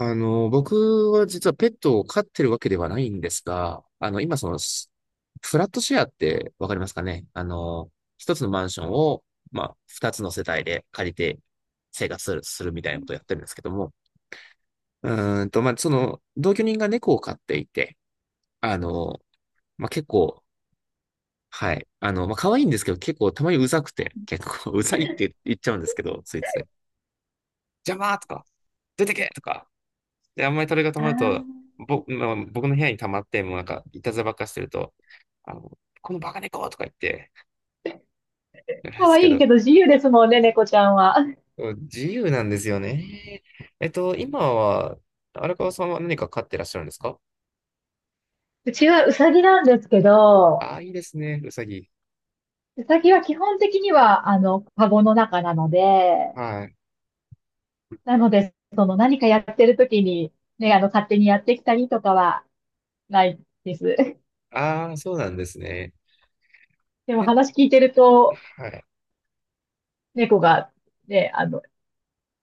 僕は実はペットを飼ってるわけではないんですが、今その、スフラットシェアってわかりますかね一つのマンションを、まあ、二つの世帯で借りて生活するみたいなことをやってるんですけども、うまあ、その、同居人が猫を飼っていて、あの、まあ、結構、はい、まあ、可愛いんですけど、結構たまにうざくて、結構 うざいって言っちゃうんですけど、ついつい、邪魔とか、出てけとか、で、あんまりそれが溜あまあ、ると、まあ、僕の部屋に溜まって、もうなんか、いたずらばっかしてると、あの、このバカ猫とか言って、やるんで可すけ愛いど、けど自由ですもんね、猫ちゃんは。自由なんですよね。えっと、今は、荒川さんは何か飼ってらっしゃるんですか？うちはウサギなんですけど、ああいいですね、うさぎ。ウサギは基本的には、カゴの中なので、はい。なので、その何かやってる時に、ね、勝手にやってきたりとかはないです。ああ、そうなんですね。でもえ、話聞いてると、はい。猫が、ね、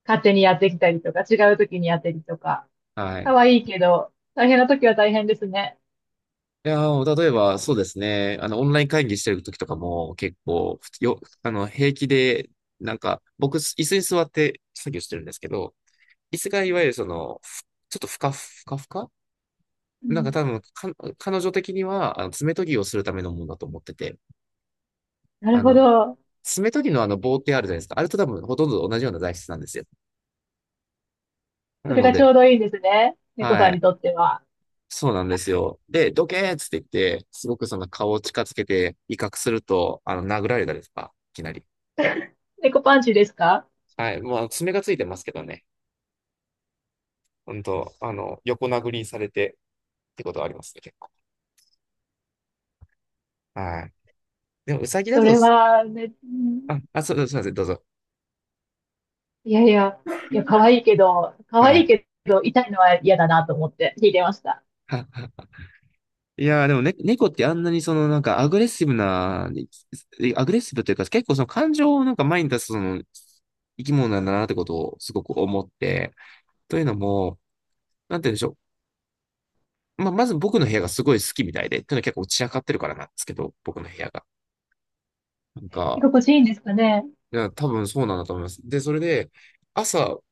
勝手にやってきたりとか、違う時にやってるとか、はい。可愛いけど、大変な時は大変ですね。いやー、例えば、そうですね。オンライン会議してる時とかも、結構、平気で、なんか、僕、椅子に座って作業してるんですけど、椅子がいわゆるその、ちょっとふかふかふか、うなんかん、多分彼女的には、爪研ぎをするためのものだと思ってて、なるあほの、ど。爪研ぎのあの棒ってあるじゃないですか。あれと多分ほとんど同じような材質なんですよ。そなれのがちで、ょうどいいんですね。猫はさんい。にとっては。そうなんですよ。で、どけーっつって、すごくその顔を近づけて威嚇すると、殴られたりとか、いきなり。猫パンチですか？はい。まあ、爪がついてますけどね。本当横殴りにされてってことはありますね、結構。はい。でも、ウサギだそと、れは、ね、うん。あ、あ、そう、すいません、どうぞ。いやいや、いや、可愛いけど、可は愛いい。けど、痛いのは嫌だなと思って聞いてました。はは。いやーでもね、猫ってあんなにそのアグレッシブな、アグレッシブというか結構その感情をなんか前に出すその生き物なんだなってことをすごく思って、というのも、なんて言うんでしょう。まあ、まず僕の部屋がすごい好きみたいで、というのは結構散らかってるからなんですけど、僕の部屋が。なんか、心地いいんですかね？いや多分そうなんだと思います。で、それで、朝、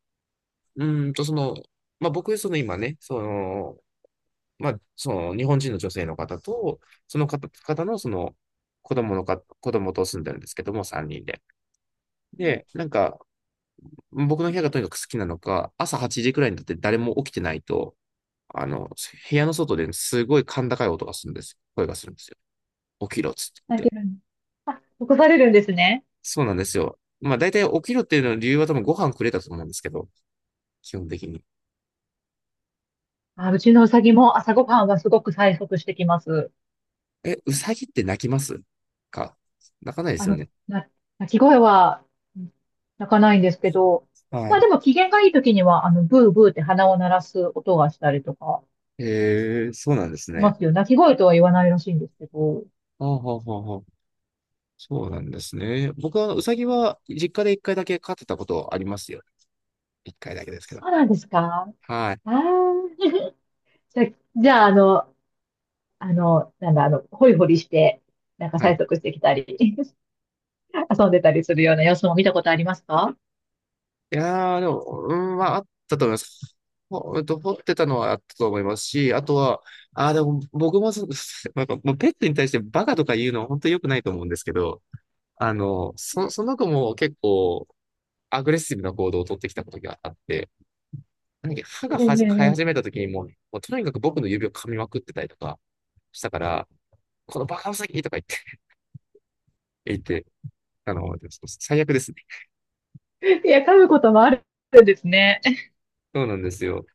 ーんとその、まあ僕、今ね、まあ、その日本人の女性の方と、方のその子供と住んでるんですけども、3人で。で、なんか、僕の部屋がとにかく好きなのか、朝8時くらいになって誰も起きてないと、あの、部屋の外ですごい甲高い音がするんです。声がするんですよ。起きろっつって言泣っいて。てるんあ、起こされるんですね。そうなんですよ。まあ、大体起きろっていうの理由は多分ご飯くれたと思うんですけど、基本的に。あ、うちのうさぎも朝ごはんはすごく催促してきます。え、うさぎって泣きますか？泣かないであすよの、ね。な、鳴き声は、うん、鳴かないんですけど、はまあい。でも機嫌がいい時には、ブーブーって鼻を鳴らす音がしたりとかへ、そうなんですしまね。すよ。鳴き声とは言わないらしいんですけど。ほうほうほうほう。そうなんですね。僕は、あのうさぎは、実家で一回だけ飼ってたことありますよ。一回だけですけど。そうなんですか？はい。ああー。じゃ、じゃあ、なんだ、ホイホリして、なんかは催い。促してきたり、遊んでたりするような様子も見たことありますか？いやー、でも、うん、まあ、あったと思います。うんと、掘ってたのはあったと思いますし、あとは、あー、でも、僕もそ、なんか、もうペットに対してバカとか言うのは本当に良くないと思うんですけど、あの、その子も結構、アグレッシブな行動を取ってきたことがあって、なんか歯がえはじ生ええ、始めた時にもう、もうとにかく僕の指を噛みまくってたりとかしたから、このバカウサギとか言って、あの、最悪ですね。いや、噛むこともあるんですね。そうなんですよ。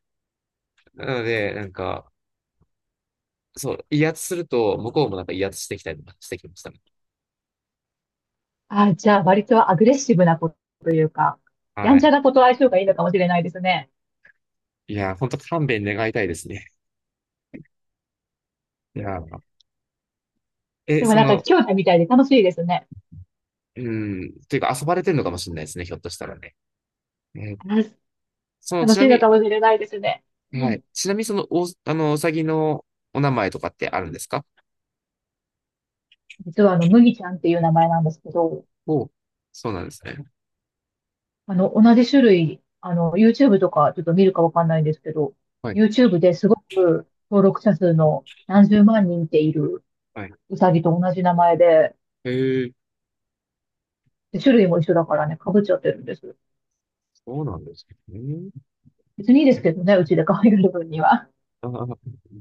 なので、なんか、そう、威圧すると、向こうもなんか威圧してきたりとかしてきましたね。あ、じゃあ、割とアグレッシブな子というか、やはんちい。ゃな子と相性がいいのかもしれないですね。いや、本当勘弁願いたいですね。いや、え、でもそなんか、の、兄弟みたいで楽しいですね。うん、というか遊ばれてるのかもしれないですね、ひょっとしたらね。えー、あ、その、楽ちしないのみかもしれないですね。に、うはん。い。ちなみに、その、あの、うさぎのお名前とかってあるんですか？実は麦ちゃんっていう名前なんですけど、おう、そうなんですね。同じ種類、YouTube とかちょっと見るかわかんないんですけど、はい。YouTube ですごく登録者数の何十万人っているはい。ウサギと同じ名前で、えー、で種類も一緒だからね、被っちゃってるんです。そうなんですね。別にいいですけどね、うちで可愛がる分には。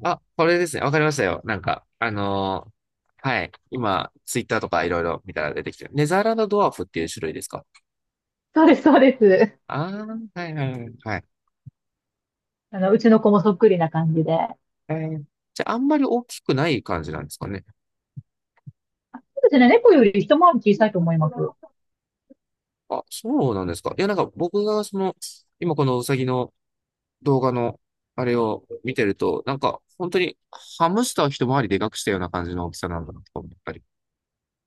あ、あ、これですね。わかりましたよ。なんか、あのー、はい。今、ツイッターとかいろいろ見たら出てきてる。ネザーランドドワーフっていう種類ですか？ そうです、そうです。ああー、はいはいはい。はい。うちの子もそっくりな感じで。えー、じゃあ、あんまり大きくない感じなんですかね。そうですね、猫より一回り小さいと思います。ああ、そうなんですか。いや、なんか僕がその、今このウサギの動画の、あれを見てると、なんか、本当に、ハムスターを一回りでかくしたような感じの大きさなんだなと思ったり。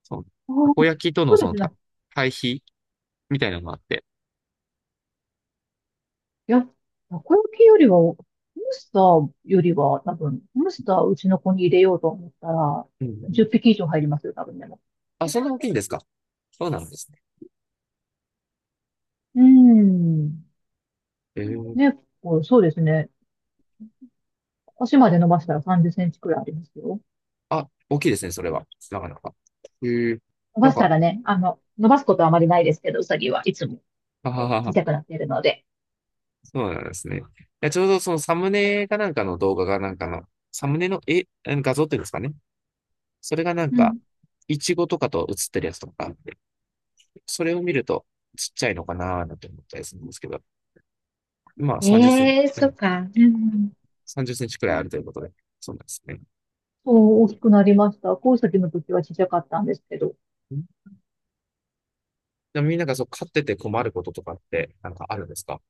そう。たこー、焼きとそのうそでのすたね。対比みたいなのがあって。いや、たこ焼きよりは、ハムスターよりは、多分、ハムスターうちの子に入れようと思ったら、うん、10匹以上入りますよ、多分でも。あ、そんな大きいんですか？そうなんですね。うーん。えー、ね、こう、そうですね。足まで伸ばしたら30センチくらいありますよ。あ、大きいですね、それは。なかなか。えー、伸なばんしたか、らね、伸ばすことはあまりないですけど、うさぎはいつもははこはう小は、さくなっているので。そうなんですね。いや、ちょうどそのサムネかなんかの動画がなんかの、サムネの絵、あの画像っていうんですかね。それがなんか、イチゴとかと写ってるやつとかあって、それを見るとちっちゃいのかなーなんて思ったりするんですけど、まあ30センチ、うん、うん、さんじゅっセンチくらいあるということで、そうなんですね。そう、大きくなりました。コウサギの時は小さかったんですけど、うん、でもみんながそう飼ってて困ることとかってなんかあるんですか？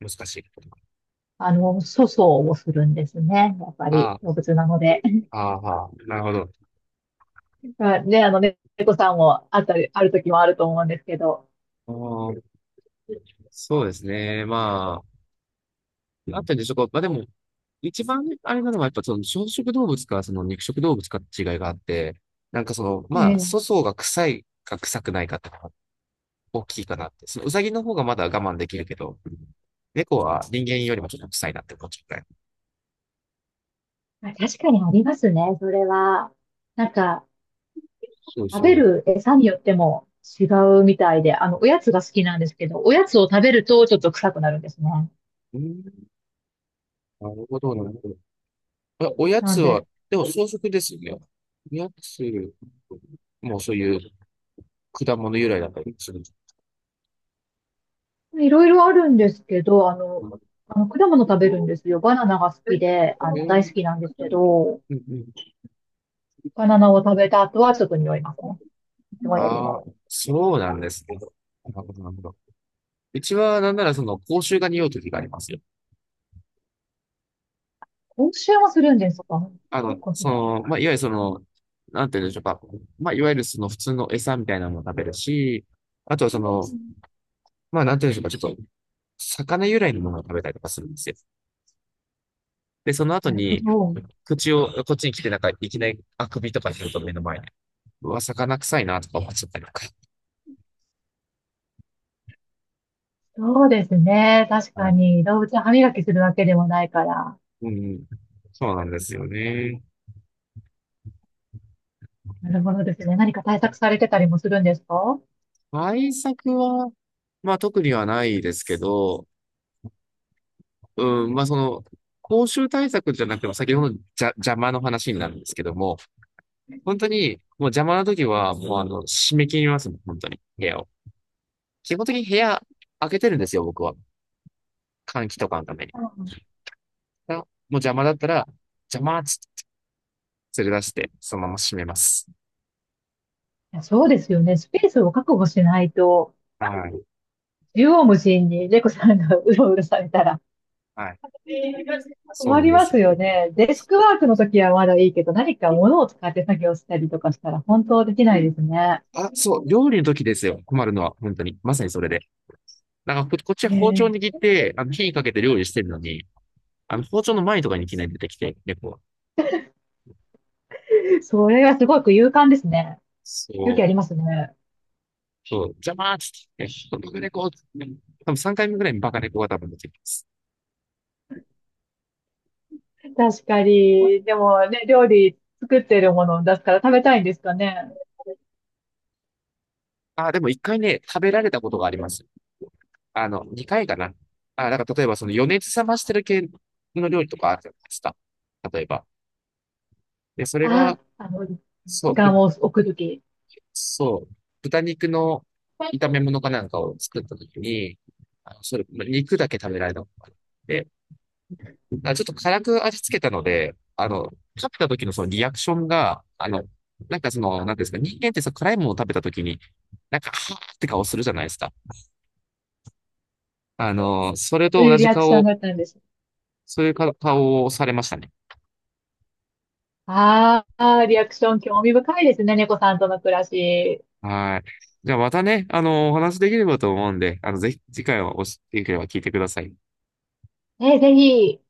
難しいこととか。粗相をするんですね。やっぱりあ、動物なので。ああ、はあ、なるほど。まあね、ね猫さんもあったり、ある時もあると思うんですけど。あー、そうですね。まあ、あったんでしょうか。まあでも、一番あれなのは、やっぱその草食動物か、その肉食動物かって違いがあって、なんかその、えまあ、粗え。相が臭いか臭くないかってのが大きいかなって。そのウサギの方がまだ我慢できるけど、猫は人間よりもちょっと臭いなって思っちゃうくらい。あ、確かにありますね、それは。なんか、そう食そべう。る餌によっても違うみたいで、おやつが好きなんですけど、おやつを食べるとちょっと臭くなるんですね。うん、なるほど、なるほど。あ、おやなつんは、で、でも草食ですよね。おやつもうそういう果物由来だったりする。いろいろあるんですけど、果物食べるんですよ。バナナが好きで、う大ん、好きなんですけど、うん、バナナを食べた後はちょっと匂いますね。いつうもん。よりああ、も。そうなんですね。なるほど、なるほど。うちは、なんなら、その、口臭が匂う時がありますよ。今週もするんですか？そっかそっか。まあ、いわゆるその、なんて言うんでしょうか。まあ、いわゆるその、普通の餌みたいなのも食べるし、あとはその、うん、まあ、なんて言うんでしょうか。ちょっと、魚由来のものを食べたりとかするんですよ。で、その後なるほに、ど。口を、こっちに来て、なんか、いきなり、あくびとかすると目の前に、うわ、魚臭いな、とか思っちゃったりとか。そうですね。確はかい。に、動物は歯磨きするわけでもないから。うん。そうなんですよね。なるほどですね。何か対策されてたりもするんですか？対策は、まあ特にはないですけど、うん、まあその、公衆対策じゃなくても、先ほどのじゃ邪魔の話になるんですけども、本当に、もう邪魔な時は、もうあの、締め切りますもん、本当に、部屋を。基本的に部屋開けてるんですよ、僕は。換気とかのために。だうかん、らもう邪魔だったら、邪魔っつって連れ出して、そのまま閉めます。いや、そうですよね。スペースを確保しないと、はい。縦横無尽に猫さんが うろうろされたらはい。そう困なんりでます。すよね。デスクワークの時はまだいいけど、何か物を使って作業したりとかしたら本当できないですね。あ、そう、料理の時ですよ、困るのは、本当に。まさにそれで。こっちは包丁え握って、火かけて料理してるのに、包丁の前とかにいきなり出てきて、猫は。え、それはすごく勇敢ですね。勇そ気う、ありますね。そう、邪魔ーっつって、バカ猫つ多分3回目ぐらいにバカ猫が多分出てきます。確かに。でもね、料理作ってるものを出すから食べたいんですかね？あー、でも1回ね、食べられたことがあります。あの、2回かな。あー、なんか例えばその余熱冷ましてる系の料理とかあるじゃないですか。例えば。で、それが、あ、そ時う、ぶ間を置くとき、そう、豚肉の炒め物かなんかを作ったときに、あの、それ、ま肉だけ食べられたことがあって、あ、ちょっと辛く味付けたので、食べた時のそのリアクションが、あの、なんかその、なんていうんですか、人間ってさ、辛いものを食べた時に、なんか、はーって顔するじゃないですか。あの、それそうとい同うリじアクション顔、だったんです。そういう顔をされましたね。ああ、リアクション興味深いですね、猫さんとの暮らし。はい。じゃあまたね、あの、お話できればと思うんで、あの、ぜひ次回はおし、できれば聞いてください。え、ぜひ、